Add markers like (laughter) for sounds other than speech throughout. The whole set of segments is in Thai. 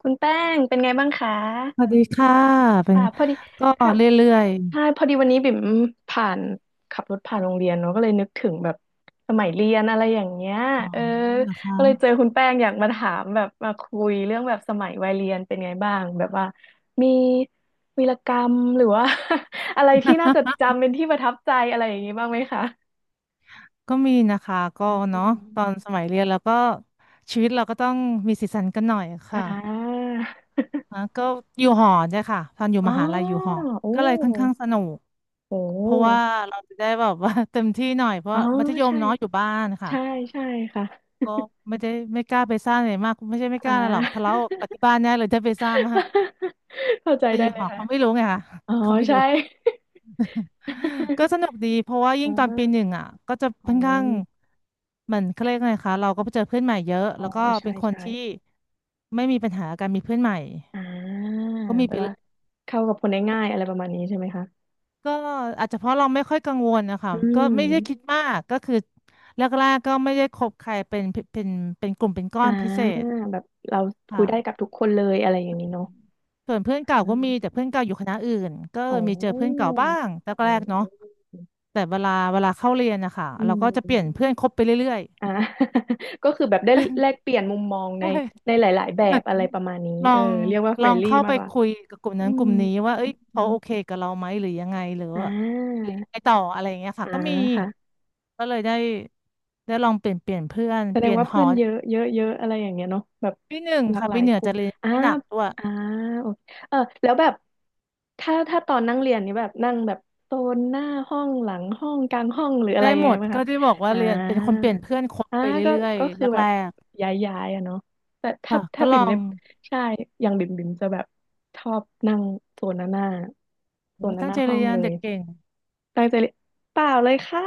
คุณแป้งเป็นไงบ้างคะสวัสดีค่ะเป็ค่ะนพอดีก็ค่ะเรื่อยใช่พอดีวันนี้บิ่มผ่านขับรถผ่านโรงเรียนเนาะก็เลยนึกถึงแบบสมัยเรียนอะไรอย่างเงี้ยๆอ๋อเออนะคะก็เลยเจอคุณแป้งอยากมาถามแบบมาคุยเรื่องแบบสมัยวัยเรียนเป็นไงบ้างแบบว่ามีวีรกรรมหรือว่า (laughs) อะไรที่น่าจดจำเป็นที่ประทับใจอะไรอย่างงี้บ้างไหมคะก็มีนะคะก็อืเนาะตอมนสมัยเรียนแล้วก็ชีวิตเราก็ต้องมีสีสันกันหน่อยอ่ค่ะานะก็อยู่หอเนี่ยค่ะตอนอยู่อ๋อมหาลัยอยู่หอโอ้ก็เลยค่อนข้างสนุกโเพราะว่าหเราจะได้แบบว่า (laughs) เต็มที่หน่อยเพอ๋ราะอมัธยมใช่เนาะอยู่บ้านค่ะใช่ใช่ค่ะ ก็ไม่ได้ไม่กล้าไปซ่าอะไรมากไม่ใช่ไม่กอ่า ล้าอะไรหรอกทะเลาะกับที่บ้านแน่เลยถ้าไปซ่ามาก (laughs) เข้าใจแต่อได้ยู่เลหยอค่ะเขาไม่รู้ไงค่ะอ๋อเขาไม่ใช่ รู้ ก็ (laughs) สนุกดีเพราะว่ายิ่อ่างตอนปีหนึ่งอ่ะก็จะขอค่อนข้างงเหมือนเขาเรียกไงคะเราก็ไปเจอเพื่อนใหม่เยอะอ๋อแล้วก็ใช่เป็นคนใช่ที่ไม่มีปัญหาการมีเพื่อนใหม่อ่าก็มีแปลไปว่าเรื่อยเข้ากับคนได้ง่ายอะไรประมาณนี้ใช่ไหมคะก็อาจจะเพราะเราไม่ค่อยกังวลนะคะอืก็ไม่ได้คิดมมากก็คือแรกๆก็ไม่ได้คบใครเป็นเป็นกลุ่มเป็นก้ออ่านพิเศษแบบเราคคุยได้กับ่ะทุกคนเลยอะไรอย่างนี้เนาะส่วนเพื่อนเก่าอ่าก็มีแต่เพื่อนเก่าอยู่คณะอื่นก็อ๋มีเจอเพื่อนอเก่าบ้างแอ๋รกๆเนาะอแต่เวลาเข้าเรียนนะคะอืเราก็จะเปลี่ยนมเพื่อนคบไปเรื่อยอ่า (laughs) ก็คือแบบได้แลกเปลี่ยนมุมมองๆ เในในหลายๆแบหมือบนอะไรประมาณนี้ลอเอองเรียกว่าลเฟรอนงลี่เข้ามาไปกกว่าคุยกับกลุ่มอืนั้นกลุ่มนี้ว่าเอ้ยเขาโอเคม กับเราไหมหรือยังไงหรืออ่ว่าหรืาอยังไงต่ออะไรอย่างเงี้ยค่ะอ่าก็มีค่ะก็เลยได้ลองเปลี่ยนเพื่อนแสดเปงลี่ยนว่าหเพื่ออนเยอะเยอะเยอะอะไรอย่างเงี้ยเนาะแบบปีหนึ่งหลากค่ะหลาปียเหนือกลุ่จะมเรียนอ่าไม่หนักด้วยอ่าโอเคเออแล้วแบบถ้าตอนนั่งเรียนนี่แบบนั่งแบบโซนหน้าห้องหลังห้องกลางห้องหรืออะได้ไรยัหงมไงดไหมก็คะที่บอกว่าอ่าเรียนเป็นคนเปลี่ยนเพื่อนคบอ่าไปก็เรื่อยก็คือๆแบแรบกย้ายอะเนาะแต่ๆถ้าค่ะถ้าก็ลบิ่อมเนี่งยใช่อย่างบิ่มจะแบบชอบนั่งโซนหน้าโซโอ้นตั้หงน้าใจห้อเรีงยเลนเด็ย กเก่ง ตั้งใจเรียนเปล่าเลยค่ะ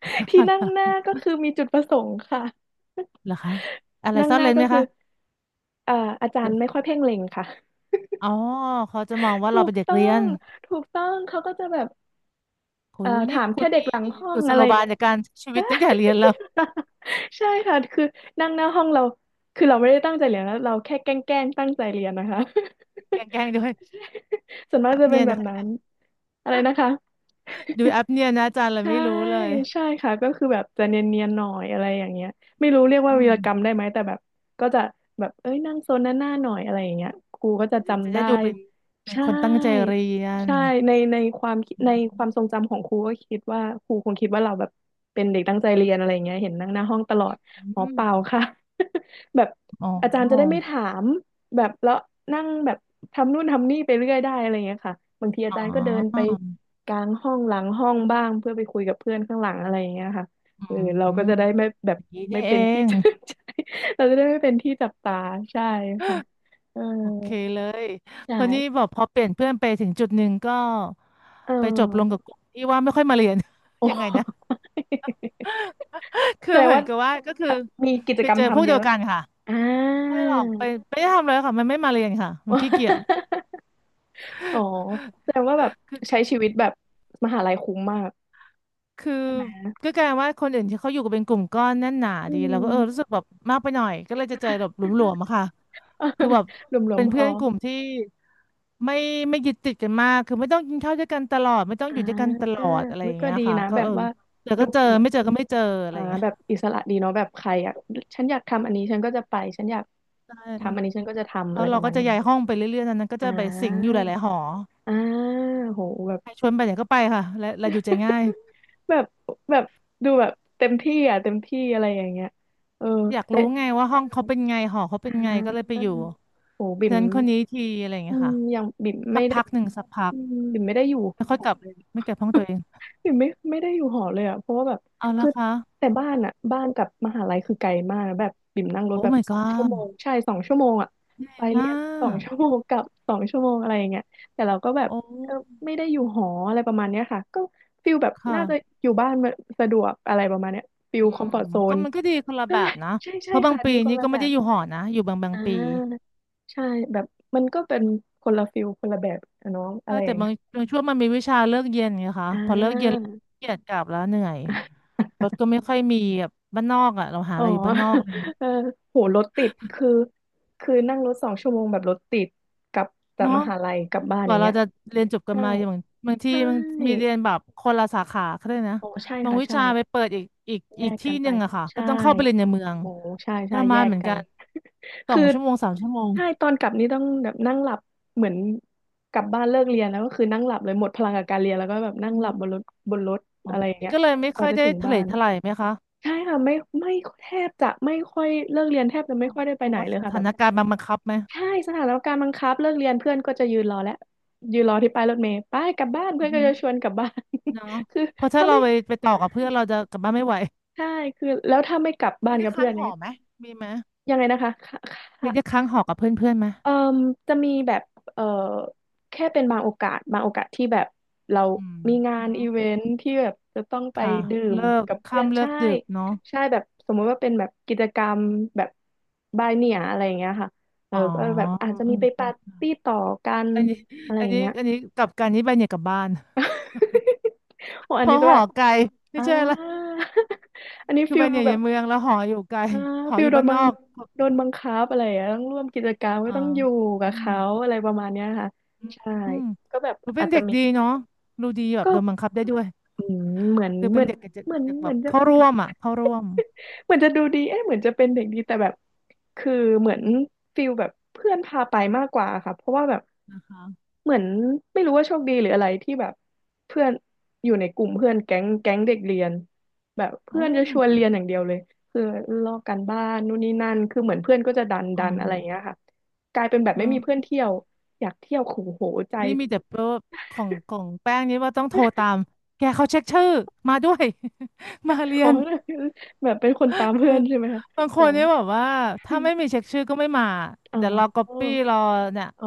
(laughs) ที่นั่งหน้า (laughs) ก็คือมีจุดประสงค์ค่ะ เหรอคะอะไร (laughs) นั่งซ่อหนน้าเร้นก็ไหมคือคะเอ่ออาจารย์ไม่ค่อยเพ่งเล็งค่ะอ๋อเขาจะมองว่าถูเราเป็กนเด็กต้อเรียงน ถูกต้องเขาก็จะแบบโหนี่ถามคุแค่ณเด็กหลังมีห้อกุงศอะไรโลอย่างบายเงี้ย ในการใช้ชีวิตตั้งแต่เรียนแล้ว (laughs) ใช่ (laughs) ใช่ค่ะคือนั่งหน้าห้องเราคือเราไม่ได้ตั้งใจเรียนนะเราแค่แกล้งๆตั้งใจเรียนนะคะ แกล้งๆด้วย (laughs) ส่วนมาแอกปจะเป็เนี่นยแบนะ บ (laughs) นั้นคะอะไรนะคะ ดูแอปเนี่ยนะอาจารย์เราใช่ไม่รู้เลยใช่ค่ะก็คือแบบจะเนียนๆหน่อยอะไรอย่างเงี้ยไม่รู้เรียกว่าอืวีมรกรรมได้ไหมแต่แบบก็จะแบบเอ้ยนั่งโซนหน้าหน้าหน่อยอะไรอย่างเงี้ยครูก็จะจะจำได้ได้ดูเป็นใช่คนตั้งใจเรียนใช่ในในความคิดอืในความทรงจำของครูก็คิดว่าครูคงคิดว่าเราแบบเป็นเด็กตั้งใจเรียนอะไรอย่างเงี้ยเห็นนั่งหน้าห้องตลอดอ๋อเปมล่าค่ะ (laughs) แบบอมอ๋อาจารย์จะได้ไม่อถามแบบแล้วนั่งแบบทำนู่นทำนี่ไปเรื่อยได้อะไรอย่างเงี้ยค่ะบางทีอาอ๋อจารย์ก็เดินไป กลางห้องหลังห้องบ้างเพื่อไปคุยกับเพื่อนข้างหลังอะไรอย่างเงี้ยค่ะอืเออเราก็มจะได้ไม่แบอบ ย่างนี้ (laughs) ไม่นี่เอเป็นที่ ง (laughs) จับใจเราจะได้ไม่เป็นที่จับตาใช่ค่ะเออโอเคเลยคนนี้ใช่บอกพอเปลี่ยนเพื่อนไปถึงจุดหนึ่งก็เอไปจบลงอ กับกลุ่มที่ว่าไม่ค่อยมาเรียน (laughs) โอ้ (laughs) ยังไงนะ (laughs) (laughs) คืแสอดงเหมือว่านกับว่าก็คือมีกิจไปกรรเจมอพวกทำเยเดียอะวกันค่ะ อ่า ไม่หรอกไปไม่ได้ทำเลยค่ะมันไม่มาเรียนค่ะมันขี้เกียจ (laughs) อ๋อแสดงว่าแบบคืใช้อชีวิตแบบมหาลัยคุ้มมากคือใช่ไหมก็กลายว่าคนอื่นที่เขาอยู่กันเป็นกลุ่มก้อนแน่นหนาอืดีเราก็ม เออรู้สึกแบบมากไปหน่อยก็เลยจะเจอแบบหลวมๆอะค่ะคือแบ (laughs) บรวมเป็นๆพเพื่อ อนกลุ่มที่ไม่ไม่ยึดติดกันมากคือไม่ต้องกินข้าวด้วยกันตลอดไม่ต้องอ่อยู่ด้วยกันตาลอดอะไรอุ๊อยย่างก็เงี้ยดีค่ะนะก็แบเอบอว่าเจอดูก็เจอแบบไม่เจอก็ไม่เจออะไรอ่าอย่างเงี้ยแบบอิสระดีเนาะแบบใครอ่ะฉันอยากทำอันนี้ฉันก็จะไปฉันอยากใช่ทำอันนี้ฉันก็จะทำเพอะไรราะปเราระก็มาณจะนี้ย้าเนาะยห้องไปเรื่อยๆนั้นๆก็อ่จะไปสิงอยู่หาลายๆหออ่าโหแบบ ใครชวนไปไหนก็ไปค่ะและอยู่ใจง่าย (laughs) แบบแบบดูแบบเต็มที่อ่ะเต็มที่อะไรอย่างเงี้ยเอออยากแต่รู้ไงว่าห้องเขาเป็นไงหอเขาอ่เป็นไงาก็เลยไปอยู่โหบิ่มเพื่อนคนนี้ทีอะไรอย่างอืเงี้ยมค่ะยังบิ่มสัไม่กได้พักหนึ่งสักพัอืกมบิ่มไม่ได้อยู่แล้วค่อหยอกลับเลย ไม่เก็บห้องตัวเองอยู่ไม่ได้อยู่หอเลยอ่ะเพราะว่าแบบเอาคืละอคะแต่บ้านอ่ะบ้านกับมหาลัยคือไกลมากนะแบบบิ่มนั่งรถโอ้ แบบ my สองชั่ว god โมงใช่สองชั่วโมงอ่ะใหญ่ไปเรีมายนสองกชั่วโมงกลับสองชั่วโมงอะไรอย่างเงี้ยแต่เราก็แบบโอ้เออไม่ได้อยู่หออะไรประมาณเนี้ยค่ะก็ฟิลแบบน่าจะค่ะอยู่บ้านมนสะดวกอะไรประมาณเนี้ยฟิลอืคอมมฟอร์ z โซก็นมันก็ดีคนละใช่แบบนะใช่เพใช่ราะบางค่ะปีดีคนนี่ละก็แบไม่ได้บอยู่หอนะอยู่บางบางอ่ปีาใช่แบบมันก็เป็นคนละฟิลคนละแบบอะเนองเออะอไรอแต่ย่างบาเงี้งยบางช่วงมันมีวิชาเลิกเย็นไงคะอ่พอเลิกเย็นา เกียดกลับแล้วเหนื่อยรถก็ไม่ค่อยมีแบบบ้านนอกอ่ะเราหาอ๋อะอ ไรอยู่บ้านนอกอะไรอย่างเงี้ย (laughs) เออโห รถติดคือคือนั่งรถสองชั่วโมงแบบรถติดกลับจากเนาะ มหาลัยกลับบ้านกอว่าย่างเราเงี้ยจะเรียนจบกันใช่มาอย่างบางทีใช่มันมีเรียนแบบคนละสาขาก็ได้นะโอ้ใช่บางค่ะวิใช่ชาไปเปิดอีกอีกแยอีกกที่กันหไปนึ่งอะค่ะก็ใช่ต้องเข้าไปเรียนในเมืองโอ้ใช่ทใช่ระแยมานกเหมือนกักันนสอคืงอชั่วโมงสามชั่วโมงใช่ตอนกลับนี่ต้องแบบนั่งหลับเหมือนกลับบ้านเลิกเรียนแล้วก็คือนั่งหลับเลยหมดพลังกับการเรียนแล้วก็แบบอนั่งหลับมบนรถบนรถอ๋ออะไรออย่าย่างงนี้เงี้ยก็เลยไม่กค่ว่าอยจะได้ถึงทะบ้าเลนทลายไหมคะใช่ค่ะไม่แทบจะไม่ค่อยเลิกเรียนแทบจะไม่อ๋อค่อยได้ไปเพไหราะนว่าเลสยค่ะแบถาบ นการณ์มันบังคับไหมใช่สถานการณ์บังคับเลิกเรียนเพื่อนก็จะยืนรอแล้วยืนรอที่ป้ายรถเมล์ไปายกลับบ้านเพื่อืออนก็หือจะชวนกลับบ้าน เนาะ (laughs) คือเพราะถ้าถ้าเราไม่ไปใช่ไปต่อกับเพื่อนเราจะกลับบ้านไม่ไหวใช่คือแล้วถ้าไม่กลับบ้ามีนกัที่บเพื่ค้าองนอหย่างอเงี้ยไหมมีไหมยังไงนะคะคมีได้่ะ ค้างหอกับเพื่อนเพื่อนไหมเอ่อจะมีแบบเอ่อแค่เป็นบางโอกาสบางโอกาสที่แบบเราอืมมีงาอืนมอีเวนท์ที่แบบจะต้องไปค่ะดื่มเลิกกับเพื่อนค่ำเลิใช่กดึกเนาะ ใช่แบบสมมุติว่าเป็นแบบกิจกรรมแบบบายเนียอะไรอย่างเงี้ยค่ะเอออ๋อก็แบบอาจจะเออมีไปปาร์ใช่ตี้ต่อกันอันนี้อะไรอัอนย่างนี้เงี้ย อันนี้กลับกันนี้ไปเนี่ยกลับบ้าน (laughs) (laughs) โอ้เพอันนี้ราะหแบอบไกลไม่อ่า ใช่ละ (laughs) อันนี้คือฟิไปลเนี่ยอแบยู่บ ในเมืองแล้วหออยู่ไกลอ่าหอฟิอลยู่บ้านนอกโดนบังคับอะไรอย่างเงี้ยต้องร่วมกิจกรรมก็อ๋อต้องอยู่กับอืมเขาอะไรประมาณเนี้ยค่ะอืมใช่อืมก็แบบหนูเป็อานจจะเด็กมีดีเนาะรู้ดีแบบก็ โดนบังคับได้ด้วยอืมเหมือนคือเหเป็มืนอนเด็กเด็กเหมือนเด็กเหแบมือบนจะเข้าเหมือน ร่วมอ่ะเข้าร่วม (laughs) เหมือนจะดูดีเอ๊ะเหมือนจะเป็นเด็กดีแต่แบบคือเหมือนฟิลแบบเพื่อนพาไปมากกว่าค่ะเพราะว่าแบบนะคะเหมือนไม่รู้ว่าโชคดีหรืออะไรที่แบบเพื่อนอยู่ในกลุ่มเพื่อนแก๊งแก๊งเด็กเรียนแบบเพื่อโอ้นจะชวนเรียนอย่างเดียวเลยคือลอกกันบ้านนู่นนี่นั่นคือเหมือนเพื่อนก็จะดันอ๋อดันอะไรอย่างเงี้ยค่ะกลายเป็นแบบอ๋ไม่มีเพื่อนอเที่ยวอยากเที่ยวขู่โหใจนี่มีแต่เว่าของแป้งนี้ว่าต้องโทรตาม แกเขาเช็คชื่อมาด้วย (laughs) มาเรีอ๋ยอ น (laughs) แบบเป็นคนตามคืเพื่ออนใช่ไหมคะบางคโอ้ นเนี่ยแบบว่าถ้าไม่มีเช็คชื่อก็ไม่มาอ๋เดี๋ยวรออก๊อปปี้รอเนี่ยอ๋อ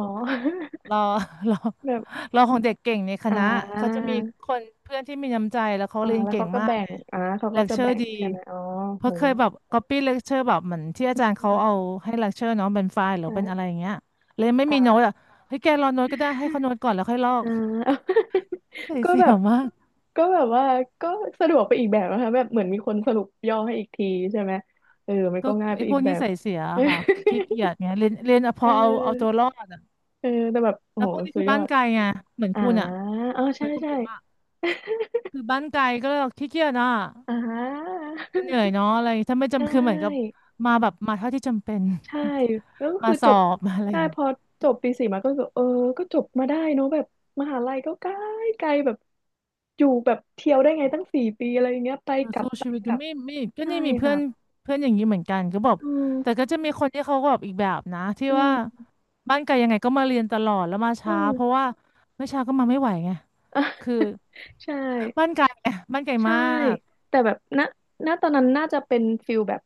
รอ (laughs) รอ (laughs) แบบรอของเด็กเก่งในคอ่ณะเขาจะามีคนเพื่อนที่มีน้ำใจแล้วเขาอ่าเรียนแล้วเก่เขางก็มากแบ่ไงงอ่าเขาเลก็คจะเชอแบ่ร์งดีใช่ไหมอ๋อเพโหราะเคยแบบก๊อปปี้เลคเชอร์แบบเหมือนที่อาจารย์อืเขาเอามให้เลคเชอร์น้องเป็นไฟล์หรือเป็นอะใช่ไรอย่างเงี้ยเลยไม่มีโน้ตค่ะอ่ะเฮ้ยแกรอโน้ตก็ได้ให้เขาโน้ตก่อนแล้วค่อยลออก่า นิ (laughs) สัยก็เสีแบยบมากก็แบบว่าก็สะดวกไปอีกแบบนะคะแบบเหมือนมีคนสรุปย่อให้อีกทีใช่ไหมเออมันก็ก็ง่ายไปไอ้พอีวกกแบนิบ สัยเสียอะค่ะขี้เกียจเนี่ยเรียนเรียนเอา (laughs) พเอออเอาเอาตัวรอด เออแต่แบบโอ้แล้วโหพวกนี้สุคืดอยบ้าอนดไกลไงเหมือนอ่าคุณอ่ะอ๋อเหมืใช่อนคุณใช่เบ่มอ่ะคือบ้านไกลก็เลยแบบขี้เกียจอ่ะอ่า มันเหนื่อย (laughs) เนาะอะไรถ้าไม่ใชจำคือเหมือนกับ่ มาแบบมาเท่าที่จำเป็น ใช่แล้วก็ (laughs) มาคือสจอบบมาอะไรได้พอจบปีสี่มาก็รู้สึกเออก็จบมาได้เนอะแบบมหาลัยก็ไกลไกลแบบอยู่แบบเที่ยวได้ไงตั้ง4 ปีอะไรอย่างเงี้ยไปเออกลับสู้ไปชีวิตอกยู่ลับไม่ก็ใช่นี่มีเพื่อค่ะนเพื่อนอย่างนี้เหมือนกันก็บอกอืมแต่ก็จะมีคนที่เขาก็แบบอีกแบบนะที่อืว่ามบ้านไกลยังไงก็มาเรียนตลอดแล้วมาอืช้าม เพ (laughs) ราะว่าไม่ช้าก็มาไม่ไหวไงอ่ะ (laughs) คือใช่ บ้านไกลไงบ้านไกลใช่มากแต่แบบณณตอนนั้นน่าจะเป็นฟิลแบบ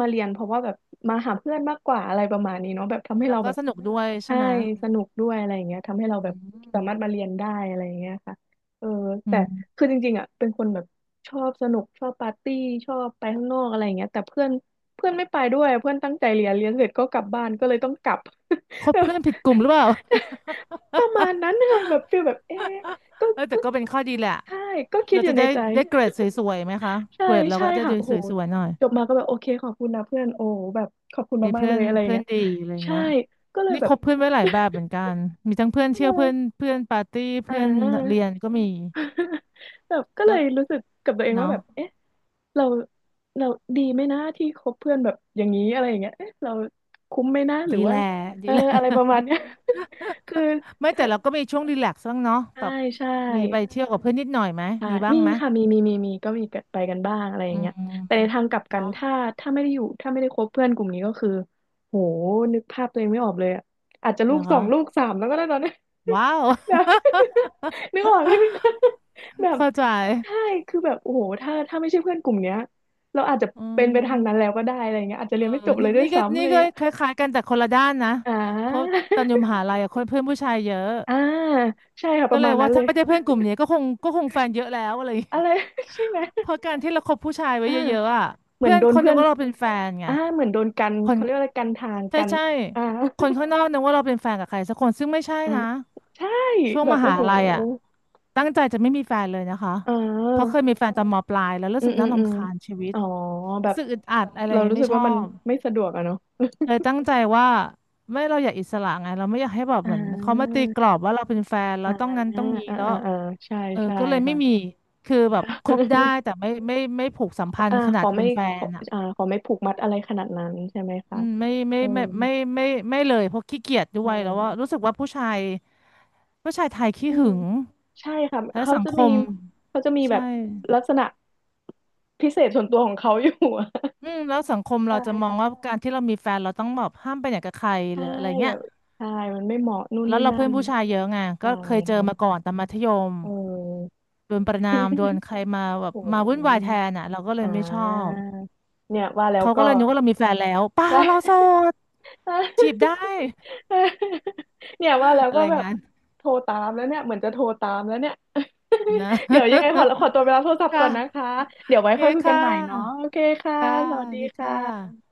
มาเรียนเพราะว่าแบบมาหาเพื่อนมากกว่าอะไรประมาณนี้เนาะแบบทำให้แล้วเราก็แบบสนุกด้วยใช่ใช่ไหมสนุกด้วยอะไรอย่างเงี้ยทำให้เราแบอืบสามารถมมาเรียนได้อะไรอย่างเงี้ยค่ะเอออืแต่คืมอจริงๆอ่ะเป็นคนแบบชอบสนุกชอบปาร์ตี้ชอบไปข้างนอกอะไรอย่างเงี้ยแต่เพื่อนเพื่อนไม่ไปด้วยเพื่อนตั้งใจเรียนเรียนเสร็จก็กลับบ้านก็เลยต้องกลับ คบเพื่อนผิดกลุ่มหรือเปล่า (laughs) ประมาณนั้นค่ะแบบฟีลแบบเอ๊ะ ก็เออแต่ก็ก็เป็นข้อดีแหละใช่ก็คิดเราอยู่จะในได้ใจ ได้เกรดส (laughs) วยๆไหมคะใช่เกรดเราใช่ก็จะค่ะดูโอ้สโหวยๆหน่อยจบมาก็แบบโอเคขอบคุณนะเพื่อนโอ้แบบขอบคุณมีมากๆเพื่เลอนยอะไรอย่างเพื่อนเงี้ยดีอะไรใช่เงี้ยก็เลยนี่แบคบ บเพื่อนไว้หลายแบบเหมือนกันมีทั้งเพื่อ (laughs) นเที่ใช่ยวเพื่อนเพื่อนปาร์ตี้อ่เพื่อนา เรียนก็มี (laughs) แบบก็เลก็ยรู้สึกกับตัวเองว่าเนาะแบบเอ๊ะเราเราดีไหมนะที่คบเพื่อนแบบอย่างนี้อะไรอย่างเงี้ยเอ๊ะเราคุ้มไหมนะหรืดีอแหว่าละดีเออแหละ อะไรประ (laughs) มาณเนี้ย (laughs) คือไม่ถ้าแต่เราก็มีช่วงรีแลกซ์บ้างเนาะใช่แบบใช่ มีไปเที่ยวกับเพื่อนนิดหน่อยไหมใช่มีบ้างมีไหมค่ะมีก็มีไปกันบ้างอะไรอย่าอืงเงี้ยแต่ในมทางกลับกันเนาะถ้าไม่ได้อยู่ถ้าไม่ได้คบเพื่อนกลุ่มนี้ก็คือโหนึกภาพตัวเองไม่ออกเลยอะอาจจะลูเหรอกสอคะงลูกสามแล้วก็ได้ตอนนี้ ว้าว (laughs) (laughs) แบบ (laughs) นึกออกไหมคะแบบเข้าใจใช่คือแบบโอ้โหถ้าไม่ใช่เพื่อนกลุ่มเนี้ยเราอาจจะอืเป็นไปทางนั้นแล้ม วก็ได้อะไรเงี้ยอาจจะเอเรีอยนไม่จบเลนี่ยด้วนี่ยก็ซ้ำอะนี่ไรก็เงี้ยคล้ายๆกันแต่คนละด้านนะอ่เพราะา ตอนอยู่มหาลัยอะคนเพื่อนผู้ชายเยอะ (laughs) อ่าใช่ค่ะปก็ระเลมายณนั้ว่านเลถ้ายไม่ได้เพื่อนกลุ่มนี้ก็คงแฟนเยอะแล้วอะไรอย่างอะเงี้ย ไร (laughs) ใช่ไหม (laughs) เพราะการที่เราคบผู้ชายไว้อ่าเยอะๆอะเหมือเพื่นอนโดคนนเดีเพื่ยอวน ก็เราเป็นแฟนไงอ่าเหมือนโดนกันคนเขาเรียกว่าอะไรกันทางใช่กันใช่อ่าคนข้างนอกนึกว่าเราเป็นแฟนกับใครสักคนซึ่งไม่ใช่อ่านะใช่ช่วงแบมบโอ้หาโหลัยอะตั้งใจจะไม่มีแฟนเลยนะคะอ่เพราะเคายมีแฟนตอนมปลายแล้วรู้อืสึมกอืน่ามอืมรำคาญชีวิตอ๋อแบรู้บสึกอึดอัดอะไรอเราย่างเงี้ยรู้สึไม่กชว่าอมันบ ไม่สะดวกอะเนาะ เลยตั้ (laughs) งใจว่าไม่เราอยากอิสระไงเราไม่อยากให้แบบอ่เหมือนเขามาา ตีกรอบว่าเราเป็นแฟน (laughs) แล้อ่าวต้องงั้นต้องนี้อ่าแล้วอ่าอ่าใช่เออใช่ก็เลยไม่ค่ะ มีคือแบบค (laughs) บได้แต่ไม่ผูกสัมพันอ่าธ์ขขนาดอไม่เป็นแฟขอนอ่ะอ่าขอไม่ผูกมัดอะไรขนาดนั้นใช่ไหมอืคะมเออไม่ไม่ไม่เลยเพราะขี้เกียจด้เอวยแล้วว่าอรู้สึกว่าผู้ชายไทยขี้อืมหึงใช่ค่ะและเขาสังจะคมีมเขาจะมีแบใช่บลักษณะพิเศษส่วนตัวของเขาอยู่อะ (laughs) อืมแล้วสังคมเราใช่ จะมองว่าการที่เรามีแฟนเราต้องแบบห้ามไปไหนกับใครหใช่รืออะไรเงี้แบยบใช่มันไม่เหมาะนู่นแล้วนี่เรานั่เพื่อนนผู้ชายเยอะไงก็ใช่เคยเจอค่ะมาก่อนตอนมัธยม เออ โดนประณามโดน (laughs) ใครมาแบบโอ้โมาวุ่หนวายแทนอ่ะเราก็เลอ่ยไม่ชอบาเนี่ยว่าแล้วเขาก็ก็ เลยนึกว่าเรามีแฟนแล้วเป (laughs) ล่าใช่ เราโสดจีบได้ (laughs) เนี่ยว่าแล้ว (laughs) อะก็ไรแบบงั้นโทรตามแล้วเนี่ยเหมือนจะโทรตามแล้วเนี่ย นะ (laughs) เดี๋ยวยังไงขอตัวไปรับโทรศัพ (laughs) ท์ก่อค่ะนนะคะเดี๋ยวโอไว้เคค่อยคุยกัค่นใหม่เนาะะโอเคค่ะค่ะสวัสสวัดีสดีค่ค่ะะ